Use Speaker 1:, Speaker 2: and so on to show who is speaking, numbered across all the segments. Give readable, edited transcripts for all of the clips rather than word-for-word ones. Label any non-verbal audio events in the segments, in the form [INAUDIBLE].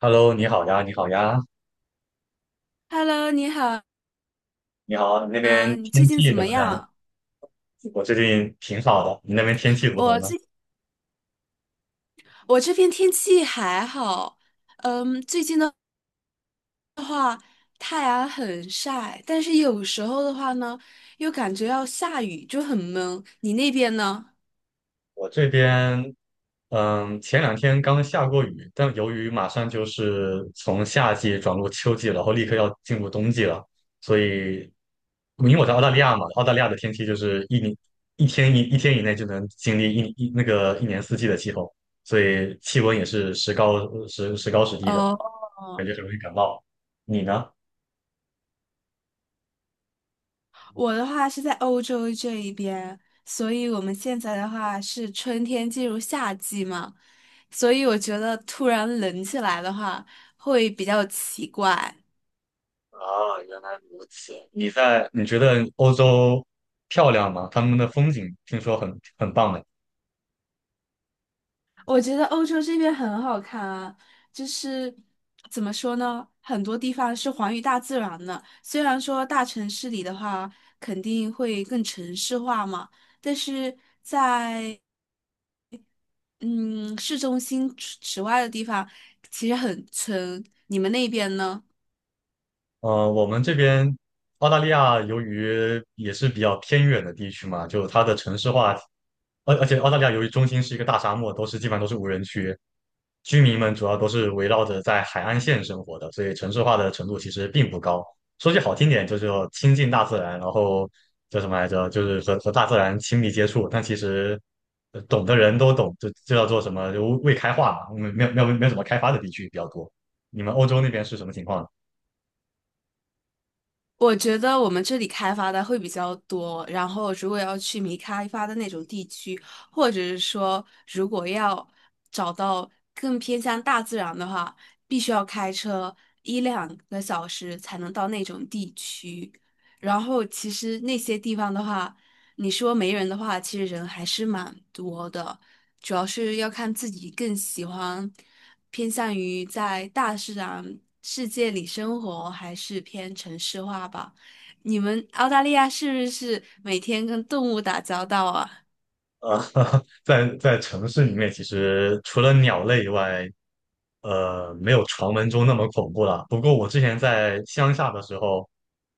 Speaker 1: Hello，你好呀，你好呀，
Speaker 2: Hello，你好
Speaker 1: 你好，那
Speaker 2: 啊，
Speaker 1: 边
Speaker 2: 你最
Speaker 1: 天
Speaker 2: 近
Speaker 1: 气
Speaker 2: 怎
Speaker 1: 怎
Speaker 2: 么
Speaker 1: 么样呀？
Speaker 2: 样？
Speaker 1: 我最近挺好的，你那边天气如何
Speaker 2: 我
Speaker 1: 呢？
Speaker 2: 这我这边天气还好，嗯，最近的话太阳很晒，但是有时候的话呢，又感觉要下雨，就很闷。你那边呢？
Speaker 1: 我这边，前两天刚下过雨，但由于马上就是从夏季转入秋季了然后立刻要进入冬季了，所以因为我在澳大利亚嘛，澳大利亚的天气就是一年一天以内就能经历那个一年四季的气候，所以气温也是时高时低的，
Speaker 2: 哦，
Speaker 1: 感觉很容易感冒。你呢？
Speaker 2: 我的话是在欧洲这一边，所以我们现在的话是春天进入夏季嘛，所以我觉得突然冷起来的话会比较奇怪。
Speaker 1: 哦，原来如此。你在，你觉得欧洲漂亮吗？他们的风景听说很棒的。
Speaker 2: 我觉得欧洲这边很好看啊，就是怎么说呢，很多地方是还于大自然的。虽然说大城市里的话肯定会更城市化嘛，但是在嗯市中心之外的地方，其实很村。你们那边呢？
Speaker 1: 我们这边澳大利亚由于也是比较偏远的地区嘛，就它的城市化，而且澳大利亚由于中心是一个大沙漠，基本上都是无人区，居民们主要都是围绕着在海岸线生活的，所以城市化的程度其实并不高。说句好听点，就是要亲近大自然，然后叫什么来着，就是和大自然亲密接触。但其实懂的人都懂，这叫做什么？就未开化嘛，没有什么开发的地区比较多。你们欧洲那边是什么情况呢？
Speaker 2: 我觉得我们这里开发的会比较多，然后如果要去没开发的那种地区，或者是说如果要找到更偏向大自然的话，必须要开车一两个小时才能到那种地区。然后其实那些地方的话，你说没人的话，其实人还是蛮多的，主要是要看自己更喜欢。偏向于在大自然世界里生活，还是偏城市化吧？你们澳大利亚是不是每天跟动物打交道啊？
Speaker 1: 呃，[LAUGHS] 在城市里面，其实除了鸟类以外，没有传闻中那么恐怖了。不过我之前在乡下的时候，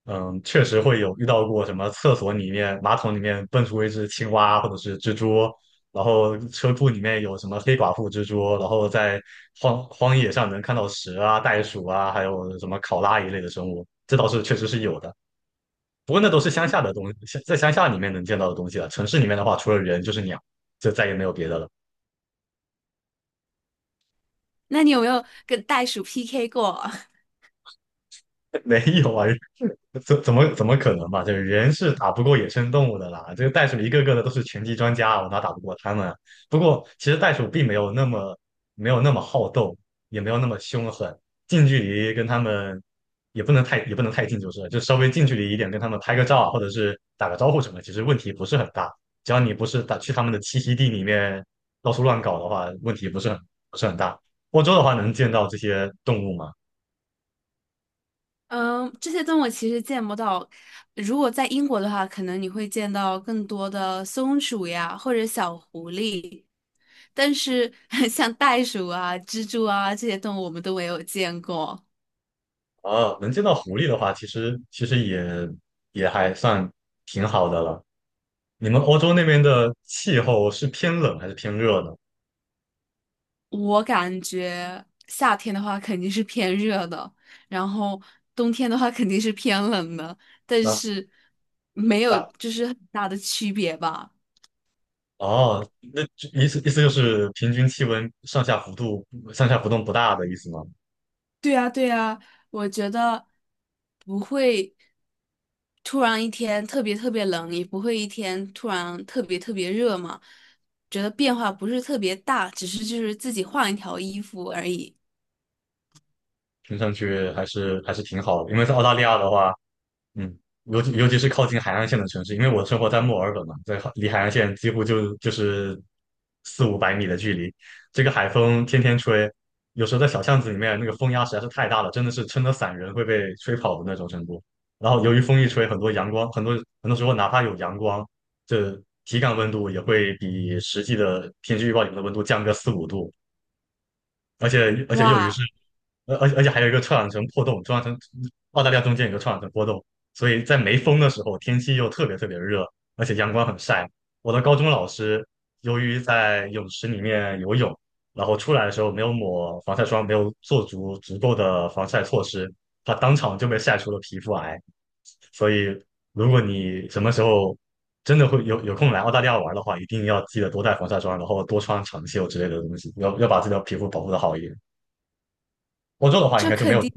Speaker 1: 确实会有遇到过什么厕所里面、马桶里面蹦出一只青蛙或者是蜘蛛，然后车库里面有什么黑寡妇蜘蛛，然后在荒野上能看到蛇啊、袋鼠啊，还有什么考拉一类的生物，这倒是确实是有的。不过那都是乡下的东西，在乡下里面能见到的东西了。城市里面的话，除了人就是鸟，就再也没有别的了。
Speaker 2: 那你有没有跟袋鼠 PK 过啊？
Speaker 1: [LAUGHS] 没有啊，[LAUGHS] 怎么可能嘛？就是人是打不过野生动物的啦。这个袋鼠一个个的都是拳击专家，我哪打不过他们啊？不过其实袋鼠并没有那么好斗，也没有那么凶狠。近距离跟他们也不能太近，就是了就稍微近距离一点，跟他们拍个照啊或者是打个招呼什么，其实问题不是很大。只要你不是打去他们的栖息地里面到处乱搞的话，问题不是很不是很大。欧洲的话能见到这些动物吗？
Speaker 2: [LAUGHS] 嗯，这些动物其实见不到。如果在英国的话，可能你会见到更多的松鼠呀，或者小狐狸。但是 [LAUGHS] 像袋鼠啊、蜘蛛啊这些动物，我们都没有见过。
Speaker 1: 啊，能见到狐狸的话，其实也也还算挺好的了。你们欧洲那边的气候是偏冷还是偏热呢？
Speaker 2: 我感觉夏天的话肯定是偏热的，然后冬天的话肯定是偏冷的，但
Speaker 1: 那
Speaker 2: 是没有
Speaker 1: 大
Speaker 2: 就是很大的区别吧。
Speaker 1: 哦，那就意思意思就是平均气温上下浮动不大的意思吗？
Speaker 2: 对呀，对呀，我觉得不会突然一天特别特别冷，也不会一天突然特别特别热嘛。觉得变化不是特别大，只是就是自己换一条衣服而已。
Speaker 1: 听上去还是挺好的，因为在澳大利亚的话，嗯，尤其是靠近海岸线的城市，因为我生活在墨尔本嘛，离海岸线几乎就是4、500米的距离。这个海风天天吹，有时候在小巷子里面，那个风压实在是太大了，真的是撑得伞人会被吹跑的那种程度。然后由于风一吹，很多阳光，很多时候哪怕有阳光，这体感温度也会比实际的天气预报里面的温度降个4、5度。而且又于
Speaker 2: 哇，
Speaker 1: 是，呃，而且而且还有一个臭氧层破洞，臭氧层澳大利亚中间有个臭氧层破洞，所以在没风的时候，天气又特别特别热，而且阳光很晒。我的高中老师由于在泳池里面游泳，然后出来的时候没有抹防晒霜，没有做足够的防晒措施，他当场就被晒出了皮肤癌。所以，如果你什么时候真的有空来澳大利亚玩的话，一定要记得多带防晒霜，然后多穿长袖之类的东西，要把自己的皮肤保护的好一点。欧洲的话应
Speaker 2: 这
Speaker 1: 该就没
Speaker 2: 肯
Speaker 1: 有
Speaker 2: 定。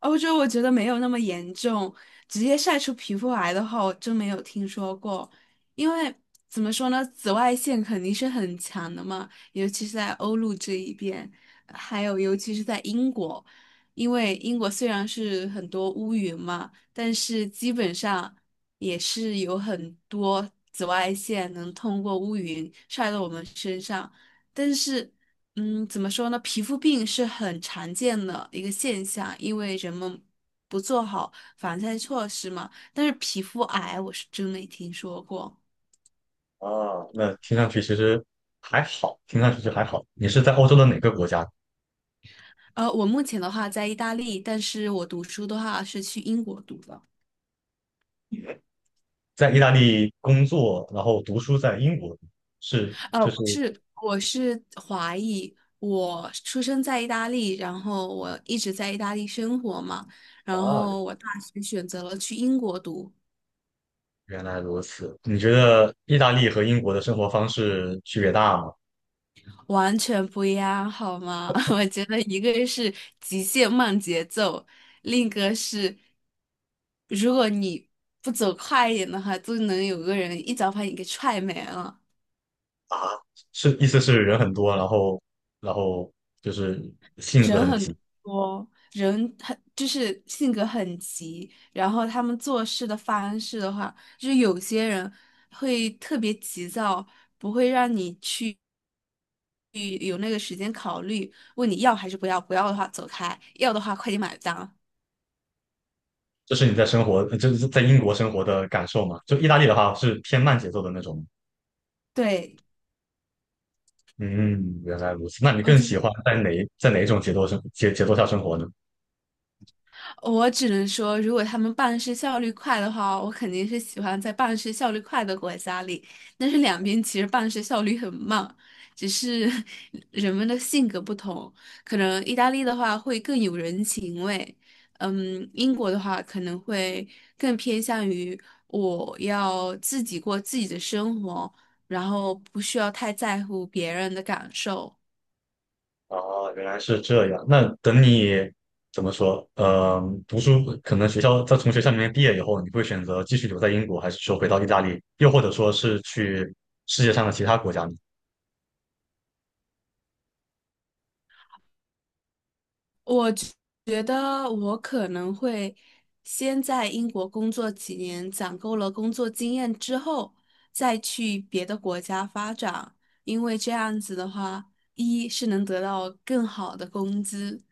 Speaker 2: 欧洲我觉得没有那么严重，直接晒出皮肤癌的话，我真没有听说过。因为怎么说呢，紫外线肯定是很强的嘛，尤其是在欧陆这一边，还有尤其是在英国，因为英国虽然是很多乌云嘛，但是基本上也是有很多紫外线能通过乌云晒到我们身上，但是。嗯，怎么说呢？皮肤病是很常见的一个现象，因为人们不做好防晒措施嘛。但是皮肤癌我是真没听说过。
Speaker 1: 啊，那听上去其实还好，听上去就还好。你是在欧洲的哪个国家？
Speaker 2: 呃，我目前的话在意大利，但是我读书的话是去英国读的。
Speaker 1: 在意大利工作，然后读书在英国，是
Speaker 2: 呃，
Speaker 1: 就是
Speaker 2: 不是，我是华裔，我出生在意大利，然后我一直在意大利生活嘛，然
Speaker 1: 啊，
Speaker 2: 后我大学选择了去英国读。
Speaker 1: 原来如此。你觉得意大利和英国的生活方式区别大吗？
Speaker 2: 完全不一样，好吗？[LAUGHS] 我觉得一个是极限慢节奏，另一个是，如果你不走快一点的话，都能有个人一脚把你给踹没了。
Speaker 1: 是意思是人很多，然后就是性子
Speaker 2: 人
Speaker 1: 很急。
Speaker 2: 很多，人很就是性格很急，然后他们做事的方式的话，就是有些人会特别急躁，不会让你去有那个时间考虑，问你要还是不要，不要的话走开，要的话快点买单。
Speaker 1: 这是你在生活，就是在英国生活的感受嘛？就意大利的话是偏慢节奏的那种。
Speaker 2: 对，
Speaker 1: 嗯，原来如此。那你
Speaker 2: 我
Speaker 1: 更
Speaker 2: 觉
Speaker 1: 喜
Speaker 2: 得
Speaker 1: 欢在哪一种节奏节奏下生活呢？
Speaker 2: 我只能说，如果他们办事效率快的话，我肯定是喜欢在办事效率快的国家里。但是两边其实办事效率很慢，只是 [LAUGHS] 人们的性格不同。可能意大利的话会更有人情味，嗯，英国的话可能会更偏向于我要自己过自己的生活，然后不需要太在乎别人的感受。
Speaker 1: 哦，原来是这样。那等你怎么说？读书可能学校在从学校里面毕业以后，你会选择继续留在英国，还是说回到意大利，又或者说是去世界上的其他国家呢？
Speaker 2: 我觉得我可能会先在英国工作几年，攒够了工作经验之后，再去别的国家发展，因为这样子的话，一是能得到更好的工资，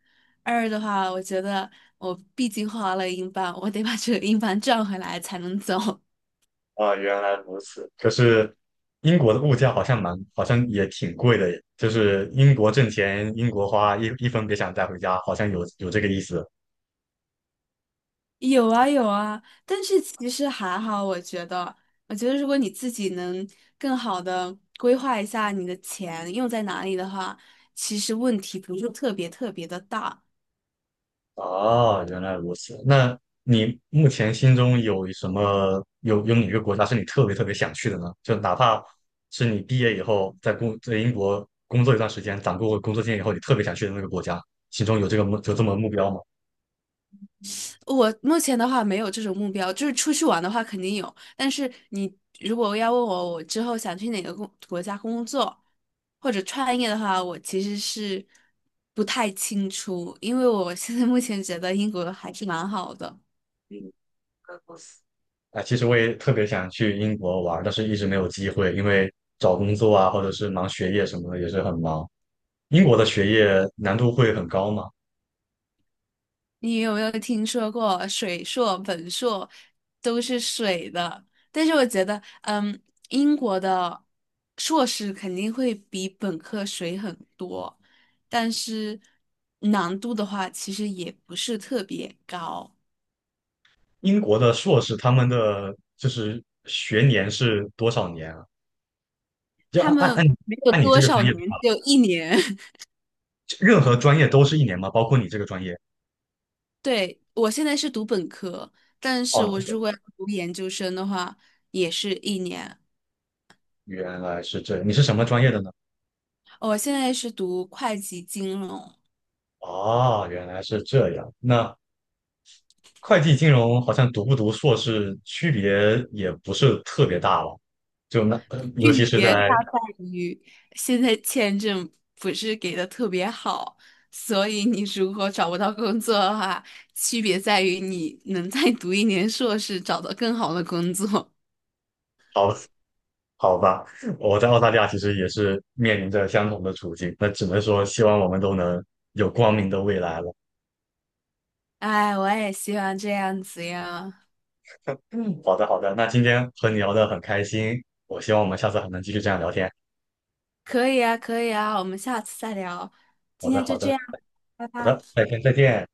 Speaker 2: 二的话，我觉得我毕竟花了英镑，我得把这个英镑赚回来才能走。
Speaker 1: 啊，原来如此。可是英国的物价好像蛮，好像也挺贵的耶，就是英国挣钱，英国花，一分别想带回家，好像有这个意思。
Speaker 2: 有啊有啊，但是其实还好，我觉得，我觉得如果你自己能更好的规划一下你的钱用在哪里的话，其实问题不是特别特别的大。
Speaker 1: 哦，原来如此。那你目前心中有什么，有哪个国家是你特别特别想去的呢？就哪怕是你毕业以后在英国工作一段时间，攒够工作经验以后，你特别想去的那个国家，心中有这个有这么目标吗？
Speaker 2: 我目前的话没有这种目标，就是出去玩的话肯定有，但是你如果要问我我之后想去哪个国家工作或者创业的话，我其实是不太清楚，因为我现在目前觉得英国还是蛮好的。
Speaker 1: 啊，其实我也特别想去英国玩儿但是一直没有机会，因为找工作啊，或者是忙学业什么的也是很忙。英国的学业难度会很高吗？
Speaker 2: 你有没有听说过水硕、本硕都是水的？但是我觉得，嗯，英国的硕士肯定会比本科水很多，但是难度的话，其实也不是特别高。
Speaker 1: 英国的硕士他们的就是学年是多少年啊？就
Speaker 2: 他
Speaker 1: 按按
Speaker 2: 们
Speaker 1: 按
Speaker 2: 没有
Speaker 1: 按你这
Speaker 2: 多
Speaker 1: 个
Speaker 2: 少
Speaker 1: 专业的
Speaker 2: 年，
Speaker 1: 话
Speaker 2: 只有一年。[LAUGHS]
Speaker 1: 任何专业都是一年吗？包括你这个专业？
Speaker 2: 对，我现在是读本科，但是
Speaker 1: 哦，
Speaker 2: 我如果要读研究生的话，也是一年。
Speaker 1: 原来是这样，你是什么专业的呢？
Speaker 2: 哦我现在是读会计金融。
Speaker 1: 哦，原来是这样。那会计金融好像读不读硕士区别也不是特别大了，尤
Speaker 2: 区
Speaker 1: 其是
Speaker 2: 别它
Speaker 1: 在
Speaker 2: 在于现在签证不是给的特别好，所以你如果找不到工作的话，区别在于你能再读一年硕士，找到更好的工作。
Speaker 1: 好好吧，我在澳大利亚其实也是面临着相同的处境，那只能说希望我们都能有光明的未来了。
Speaker 2: [LAUGHS] 哎，我也希望这样子呀。
Speaker 1: 好的好的，那今天和你聊得很开心，我希望我们下次还能继续这样聊天。
Speaker 2: 可以啊，可以啊，我们下次再聊。
Speaker 1: 好
Speaker 2: 今
Speaker 1: 的
Speaker 2: 天
Speaker 1: 好
Speaker 2: 就这
Speaker 1: 的
Speaker 2: 样，拜
Speaker 1: 好
Speaker 2: 拜。
Speaker 1: 的，再见再见。